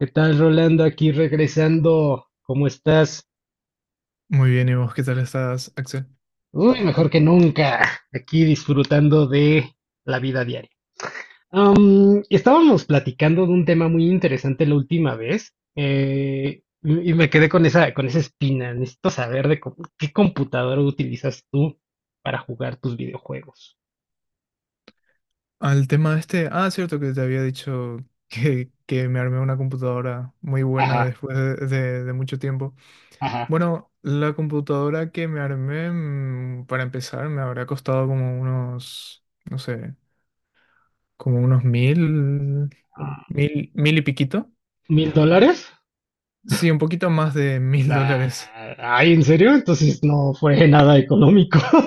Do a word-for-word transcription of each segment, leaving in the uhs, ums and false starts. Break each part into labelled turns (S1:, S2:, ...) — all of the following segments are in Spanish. S1: ¿Qué tal, Rolando? Aquí regresando. ¿Cómo estás?
S2: Muy bien, ¿y vos qué tal estás, Axel?
S1: Uy, mejor que nunca. Aquí disfrutando de la vida diaria. Am, estábamos platicando de un tema muy interesante la última vez, eh, y, y me quedé con esa, con esa espina. Necesito saber de co- qué computadora utilizas tú para jugar tus videojuegos.
S2: Al tema este, ah, cierto que te había dicho que, que me armé una computadora muy buena
S1: Ajá,
S2: después de, de- de mucho tiempo.
S1: ajá.
S2: Bueno, la computadora que me armé, mm, para empezar, me habrá costado como unos, no sé, como unos mil, mil, mil y piquito.
S1: ¿Mil dólares?
S2: Sí, un poquito más de mil dólares.
S1: Ah, ay, ¿en serio? Entonces no fue nada económico.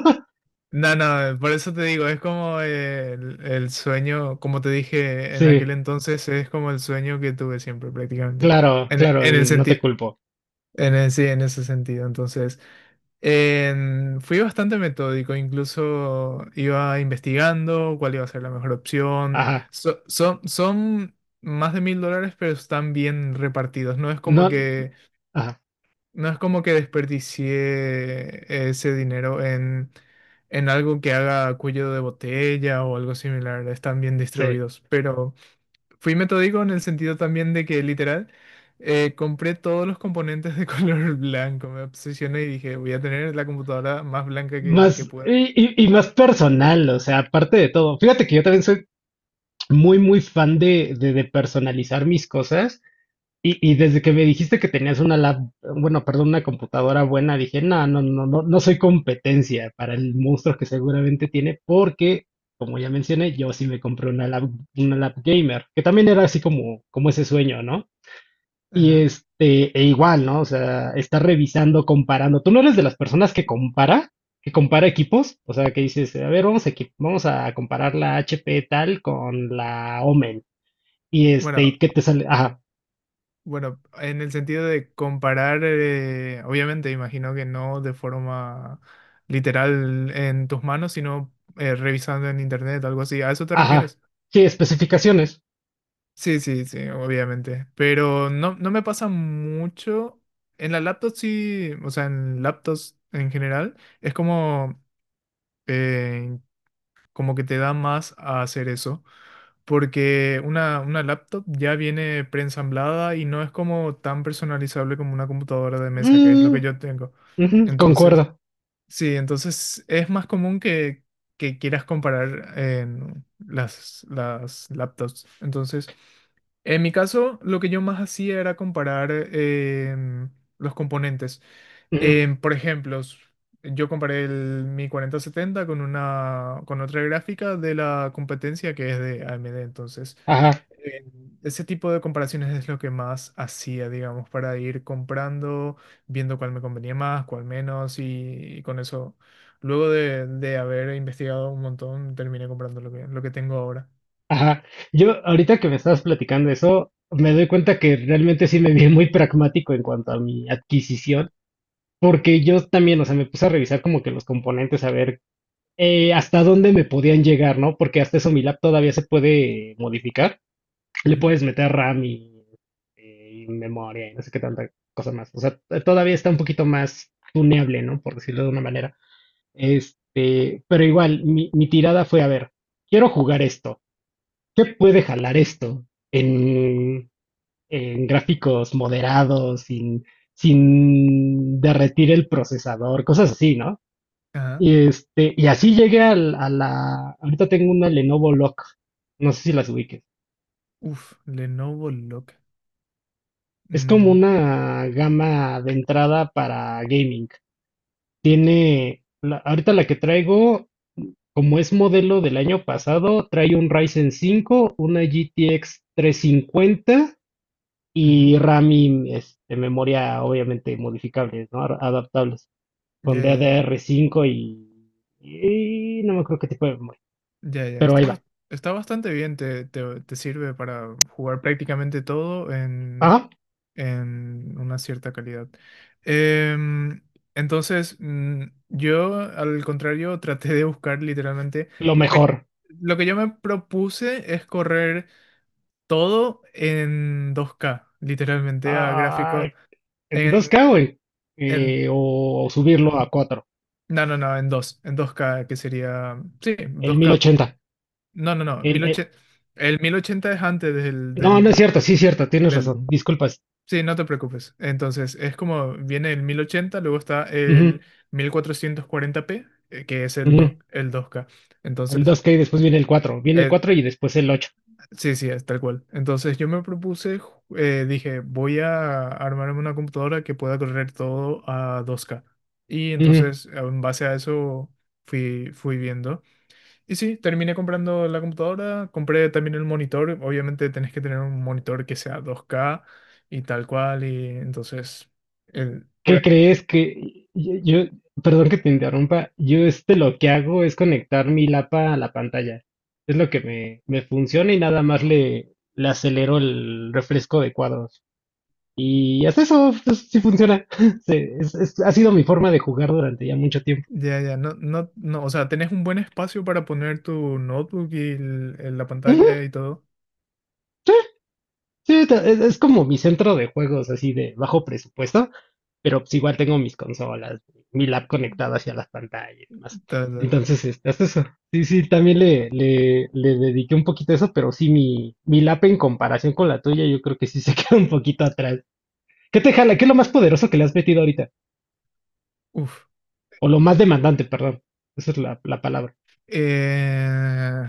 S2: No, no, por eso te digo, es como eh, el, el sueño, como te dije en aquel
S1: Sí.
S2: entonces, es como el sueño que tuve siempre prácticamente,
S1: Claro,
S2: en, e-
S1: claro,
S2: en
S1: y
S2: el
S1: no te
S2: sentido,
S1: culpo.
S2: en el- sí, en ese sentido. Entonces, en- fui bastante metódico, incluso iba investigando cuál iba a ser la mejor opción.
S1: Ajá.
S2: So- son, son más de mil dólares, pero están bien repartidos, no es como
S1: No,
S2: que
S1: ajá,
S2: no es como que desperdicié ese dinero en, en algo que haga cuello de botella o algo similar, están bien
S1: sí.
S2: distribuidos. Pero fui metódico en el sentido también de que literal eh, compré todos los componentes de color blanco, me obsesioné y dije, voy a tener la computadora más blanca que, que
S1: Más,
S2: pueda.
S1: y, y- y más personal, o sea, aparte de todo. Fíjate que yo también soy muy, muy fan de, de, de personalizar mis cosas. Y, y desde que me dijiste que tenías una lab, bueno, perdón, una computadora buena, dije, no, no, no, no, no soy competencia para el monstruo que seguramente tiene, porque, como ya mencioné, yo sí me compré una lab, una lab gamer, que también era así como, como ese sueño, ¿no? Y
S2: Ajá.
S1: este, e igual, ¿no? O sea, está revisando, comparando. ¿Tú no eres de las personas que compara? ¿Que compara equipos? O sea, que dices, a ver, vamos a, equi- vamos a comparar la H P tal con la Omen. Y este,
S2: Bueno,
S1: ¿y qué te sale? Ajá,
S2: Bueno, en el sentido de comparar, eh, obviamente imagino que no de forma literal en tus manos, sino eh, revisando en internet, algo así. ¿A eso te
S1: ajá.
S2: refieres?
S1: Sí, especificaciones.
S2: Sí, sí, sí, obviamente. Pero no, no me pasa mucho. En la laptop sí, o sea, en laptops en general, es como, eh, como que te da más a hacer eso. Porque una, una laptop ya viene preensamblada y no es como tan personalizable como una computadora de mesa, que es lo que
S1: Mm,
S2: yo tengo.
S1: ujú,
S2: Entonces,
S1: concuerdo.
S2: Sí, entonces es más común que, que quieras comparar en las, las laptops. Entonces, en mi caso, lo que yo más hacía era comparar em, los componentes.
S1: Ujú,
S2: Em, por ejemplo, s- yo comparé el, mi cuarenta setenta con una, con otra gráfica de la competencia que es de A M D. Entonces,
S1: ajá,
S2: em, ese tipo de comparaciones es lo que más hacía, digamos, para ir comprando viendo cuál me convenía más, cuál menos, y, y con eso, luego de, de haber investigado un montón, terminé comprando lo que, lo que tengo ahora.
S1: ajá. Yo, ahorita que me estabas platicando eso, me doy cuenta que realmente sí me vi muy pragmático en cuanto a mi adquisición. Porque yo también, o sea, me puse a revisar como que los componentes, a ver, eh, hasta dónde me podían llegar, ¿no? Porque hasta eso mi lab todavía se puede modificar. Le
S2: Ujú.
S1: puedes meter RAM y, eh, y memoria y no sé qué tanta cosa más. O sea, t- todavía está un poquito más tuneable, ¿no? Por decirlo de una manera. Este, pero igual, mi, mi tirada fue, a ver, quiero jugar esto. ¿Qué puede jalar esto en, en gráficos moderados, sin, sin derretir el procesador, cosas así, ¿no?
S2: Ajá.
S1: Y, este, y así llegué al- a la... Ahorita tengo una Lenovo Lock. No sé si las ubiques.
S2: Uf, Lenovo Look.
S1: Es como
S2: Mm,
S1: una gama de entrada para gaming. Tiene... la- ahorita la que traigo, como es modelo del año pasado, trae un Ryzen cinco, una G T X cincuenta
S2: ujú.
S1: y RAM y este, memoria obviamente modificables, ¿no? Ad- Adaptables. Con
S2: Ya, ya,
S1: ddr cinco y... y no me acuerdo qué tipo de memoria.
S2: ya, ya, ya.
S1: Pero ahí
S2: Está,
S1: va.
S2: bas- está bastante bien, te, te, te sirve para jugar prácticamente todo en.
S1: Ajá,
S2: en una cierta calidad. Em, entonces, mm, yo, al contrario, traté de buscar literalmente
S1: lo
S2: lo que,
S1: mejor.
S2: lo que yo me propuse es correr todo en dos k literalmente a
S1: Ah,
S2: gráficos
S1: entonces, ¿qué
S2: en,
S1: hago, güey?
S2: en
S1: Eh, o, o subirlo a cuatro,
S2: no, no, no, en dos en dos k que sería, sí,
S1: el
S2: dos k.
S1: mil ochenta.
S2: No, no, no,
S1: El,
S2: mil
S1: el-
S2: ochenta el mil ochenta es antes del
S1: no, no es
S2: del,
S1: cierto, sí es cierto, tienes
S2: del
S1: razón, disculpas.
S2: Sí, no te preocupes. Entonces, es como viene el mil ochenta, luego está
S1: Ujú,
S2: el mil cuatrocientos cuarenta p eh, que es el
S1: ujú.
S2: dos el dos k.
S1: El
S2: Entonces,
S1: dos k y después viene el cuatro, viene el
S2: eh,
S1: cuatro y después el ocho.
S2: sí, sí, es tal cual. Entonces, yo me propuse, ju- eh, dije, voy a armarme una computadora que pueda correr todo a dos k. Y
S1: Ujú.
S2: entonces, en base a eso, fui, fui viendo. Y sí, terminé comprando la computadora, compré también el monitor. Obviamente tenés que tener un monitor que sea dos k y tal cual, y entonces... el- por
S1: ¿Qué
S2: ahí.
S1: crees que yo, yo- perdón que te interrumpa, yo este lo que hago es conectar mi lapa a la pantalla. Es lo que me, me funciona y nada más le, le acelero el refresco de cuadros. Y hasta eso pues, sí funciona. Sí, es- es- ha sido mi forma de jugar durante ya mucho tiempo.
S2: Ya, ya, no, no, no, o sea, tenés un buen espacio para poner tu notebook y el- el- la
S1: Ujú.
S2: pantalla y todo.
S1: Sí, ta- es, es como mi centro de juegos así de bajo presupuesto, pero pues igual tengo mis consolas, mi lab conectado hacia las pantallas y demás.
S2: Ta, ta.
S1: Entonces, este, hasta eso. Sí, sí, también le, le, le dediqué un poquito a eso, pero sí, mi, mi lap en comparación con la tuya, yo creo que sí se queda un poquito atrás. ¿Qué te jala? ¿Qué es lo más poderoso que le has metido ahorita?
S2: Uf.
S1: O lo más demandante, perdón. Esa es la, la palabra.
S2: Eh,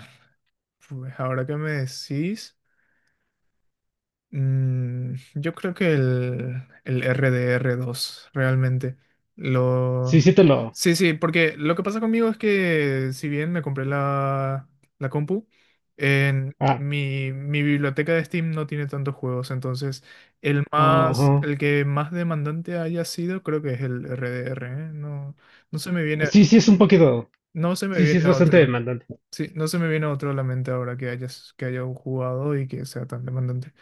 S2: pues ahora que me decís... Mm, yo creo que el, el rdr dos realmente.
S1: Sí,
S2: Lo...
S1: sí te lo...
S2: Sí, sí, porque lo que pasa conmigo es que si bien me compré la, la compu, en
S1: Ah,
S2: mi, mi biblioteca de Steam no tiene tantos juegos, entonces el más,
S1: ajá.
S2: el que más demandante haya sido creo que es el R D R, ¿eh? No, no se me viene,
S1: Sí, sí, es un poquito.
S2: no se me
S1: Sí, sí, es
S2: viene
S1: bastante
S2: otro.
S1: demandante.
S2: Sí, no se me viene otro a la mente ahora que hayas, que haya jugado y que sea tan demandante.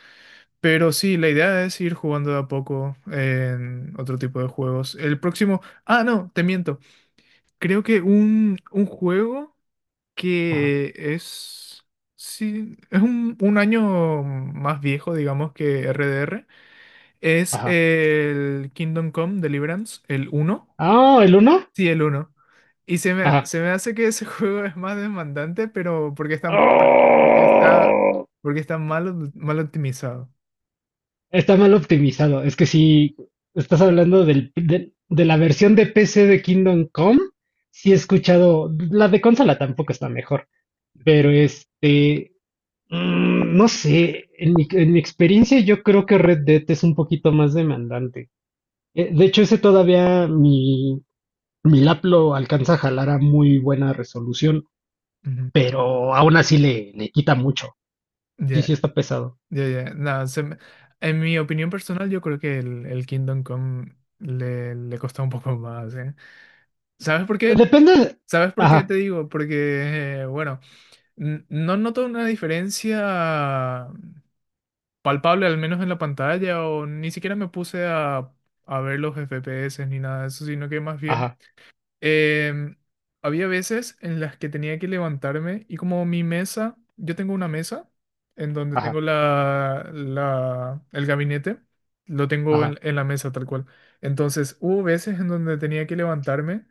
S2: Pero sí, la idea es ir jugando de a poco en otro tipo de juegos. El próximo... Ah, no, te miento. Creo que un, un juego
S1: Ajá.
S2: que es... Sí, es un, un año más viejo, digamos, que R D R. Es
S1: Ajá.
S2: el Kingdom Come Deliverance, el uno.
S1: Ah, el uno.
S2: Sí, el uno. Y se me,
S1: Ajá.
S2: se me hace que ese juego es más demandante, pero porque está, por- porque está,
S1: ¡Oh!
S2: porque está mal, mal optimizado.
S1: Está mal optimizado. Es que si estás hablando del, del- de la versión de P C de Kingdom Come, sí he escuchado. La de consola tampoco está mejor. Pero este, mm, no sé. En mi, en mi experiencia, yo creo que Red Dead es un poquito más demandante. Eh, De hecho, ese todavía mi, Milap lo alcanza a jalar a muy buena resolución,
S2: Ujú.
S1: pero aún así le, le quita mucho. Sí, sí
S2: Ya,
S1: está pesado.
S2: ya, ya. No, se me- en mi opinión personal, yo creo que el, el Kingdom Come le, le costó un poco más, ¿eh? ¿Sabes por qué?
S1: Depende.
S2: ¿Sabes por qué
S1: Ajá,
S2: te digo? Porque, eh, bueno, n- no noto una diferencia palpable, al menos en la pantalla, o ni siquiera me puse a, a ver los F P S ni nada de eso, sino que más bien...
S1: ajá,
S2: Em, había veces en las que tenía que levantarme y como mi mesa, yo tengo una mesa en donde
S1: ajá,
S2: tengo la, la- el gabinete, lo tengo
S1: ajá.
S2: en, en la mesa tal cual. Entonces hubo veces en donde tenía que levantarme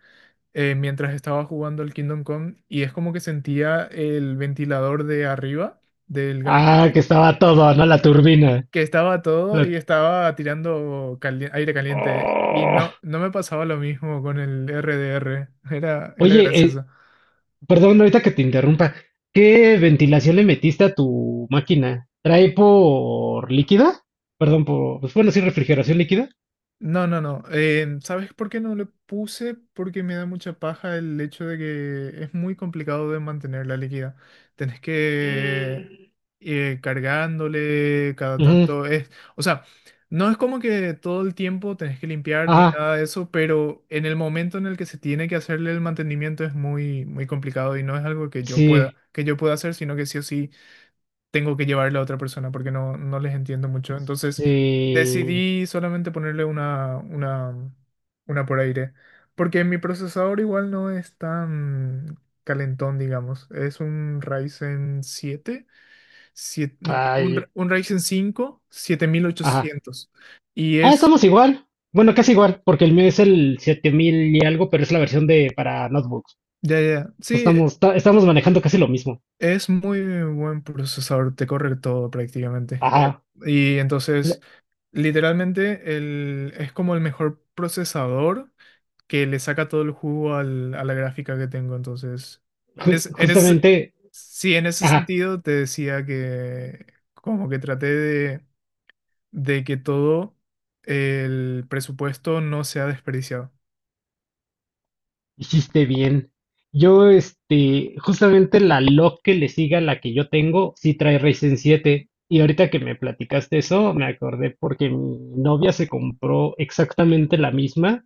S2: eh, mientras estaba jugando al Kingdom Come y es como que sentía el ventilador de arriba del
S1: Ah, que
S2: gabinete
S1: estaba todo, ¿no? La turbina.
S2: que estaba todo
S1: La-
S2: y estaba tirando cali- aire caliente y
S1: ¡Oh!
S2: no, no me pasaba lo mismo con el R D R, era, era
S1: Oye, eh,
S2: gracioso.
S1: perdón, ahorita que te interrumpa. ¿Qué ventilación le metiste a tu máquina? ¿Trae por líquida? Perdón, por... pues, bueno, sí, refrigeración líquida.
S2: No, no, no. Eh, ¿sabes por qué no le puse? Porque me da mucha paja el hecho de que es muy complicado de mantener la líquida. Tenés que
S1: Mm,
S2: ir cargándole cada
S1: ujú,
S2: tanto. Es, o sea, no es como que todo el tiempo tenés que limpiar ni
S1: ajá,
S2: nada de eso, pero en el momento en el que se tiene que hacerle el mantenimiento es muy, muy complicado y no es algo que yo pueda,
S1: sí,
S2: que yo pueda hacer, sino que sí o sí tengo que llevarle a otra persona porque no, no les entiendo mucho. Entonces
S1: sí.
S2: decidí solamente ponerle una, una, una por aire. Porque mi procesador igual no es tan calentón, digamos. Es un Ryzen siete siete- no, un, Ra-
S1: Ay,
S2: un Ryzen cinco siete mil
S1: ajá.
S2: ochocientos Y
S1: Ah,
S2: es,
S1: estamos igual. Bueno, casi igual, porque el mío es el siete mil y algo, pero es la versión de para notebooks.
S2: ya, ya, ya. Sí,
S1: Estamos, ta- estamos manejando casi lo mismo.
S2: es muy buen procesador, te corre todo prácticamente. Eh,
S1: Ajá.
S2: y entonces...
S1: La-
S2: Literalmente el, es como el mejor procesador que le saca todo el jugo al- a la gráfica que tengo. Entonces, en
S1: ju-
S2: ese, en ese,
S1: justamente,
S2: sí, en ese
S1: ajá,
S2: sentido te decía que como que traté de, de que todo el presupuesto no sea desperdiciado.
S1: hiciste bien. Yo, este, justamente la log que le siga a la que yo tengo, sí trae Ryzen siete. Y ahorita que me platicaste eso, me acordé porque mi novia se compró exactamente la misma,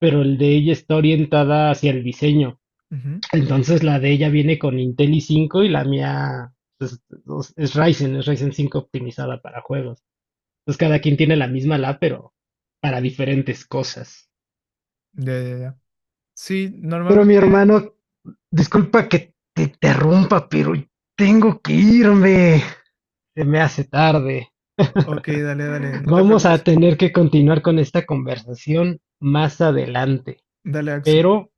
S1: pero el de ella está orientada hacia el diseño.
S2: Ujú.
S1: Entonces la de ella viene con Intel i cinco y la mía pues, es, es Ryzen, es Ryzen cinco optimizada para juegos. Entonces cada quien tiene la misma la, pero para diferentes cosas.
S2: Ya, ya, ya. Sí,
S1: Pero mi
S2: normalmente.
S1: hermano, disculpa que te interrumpa, pero tengo que irme. Se me hace tarde.
S2: Ok, dale, dale. No te
S1: Vamos a
S2: preocupes.
S1: tener que continuar con esta conversación más adelante,
S2: Dale, Axel.
S1: pero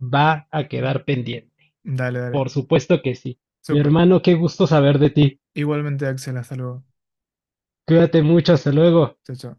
S1: va a quedar pendiente.
S2: Dale, dale.
S1: Por supuesto que sí. Mi
S2: Súper.
S1: hermano, qué gusto saber de ti.
S2: Igualmente, Axel. Hasta luego.
S1: Cuídate mucho. Hasta luego.
S2: Chao, chao.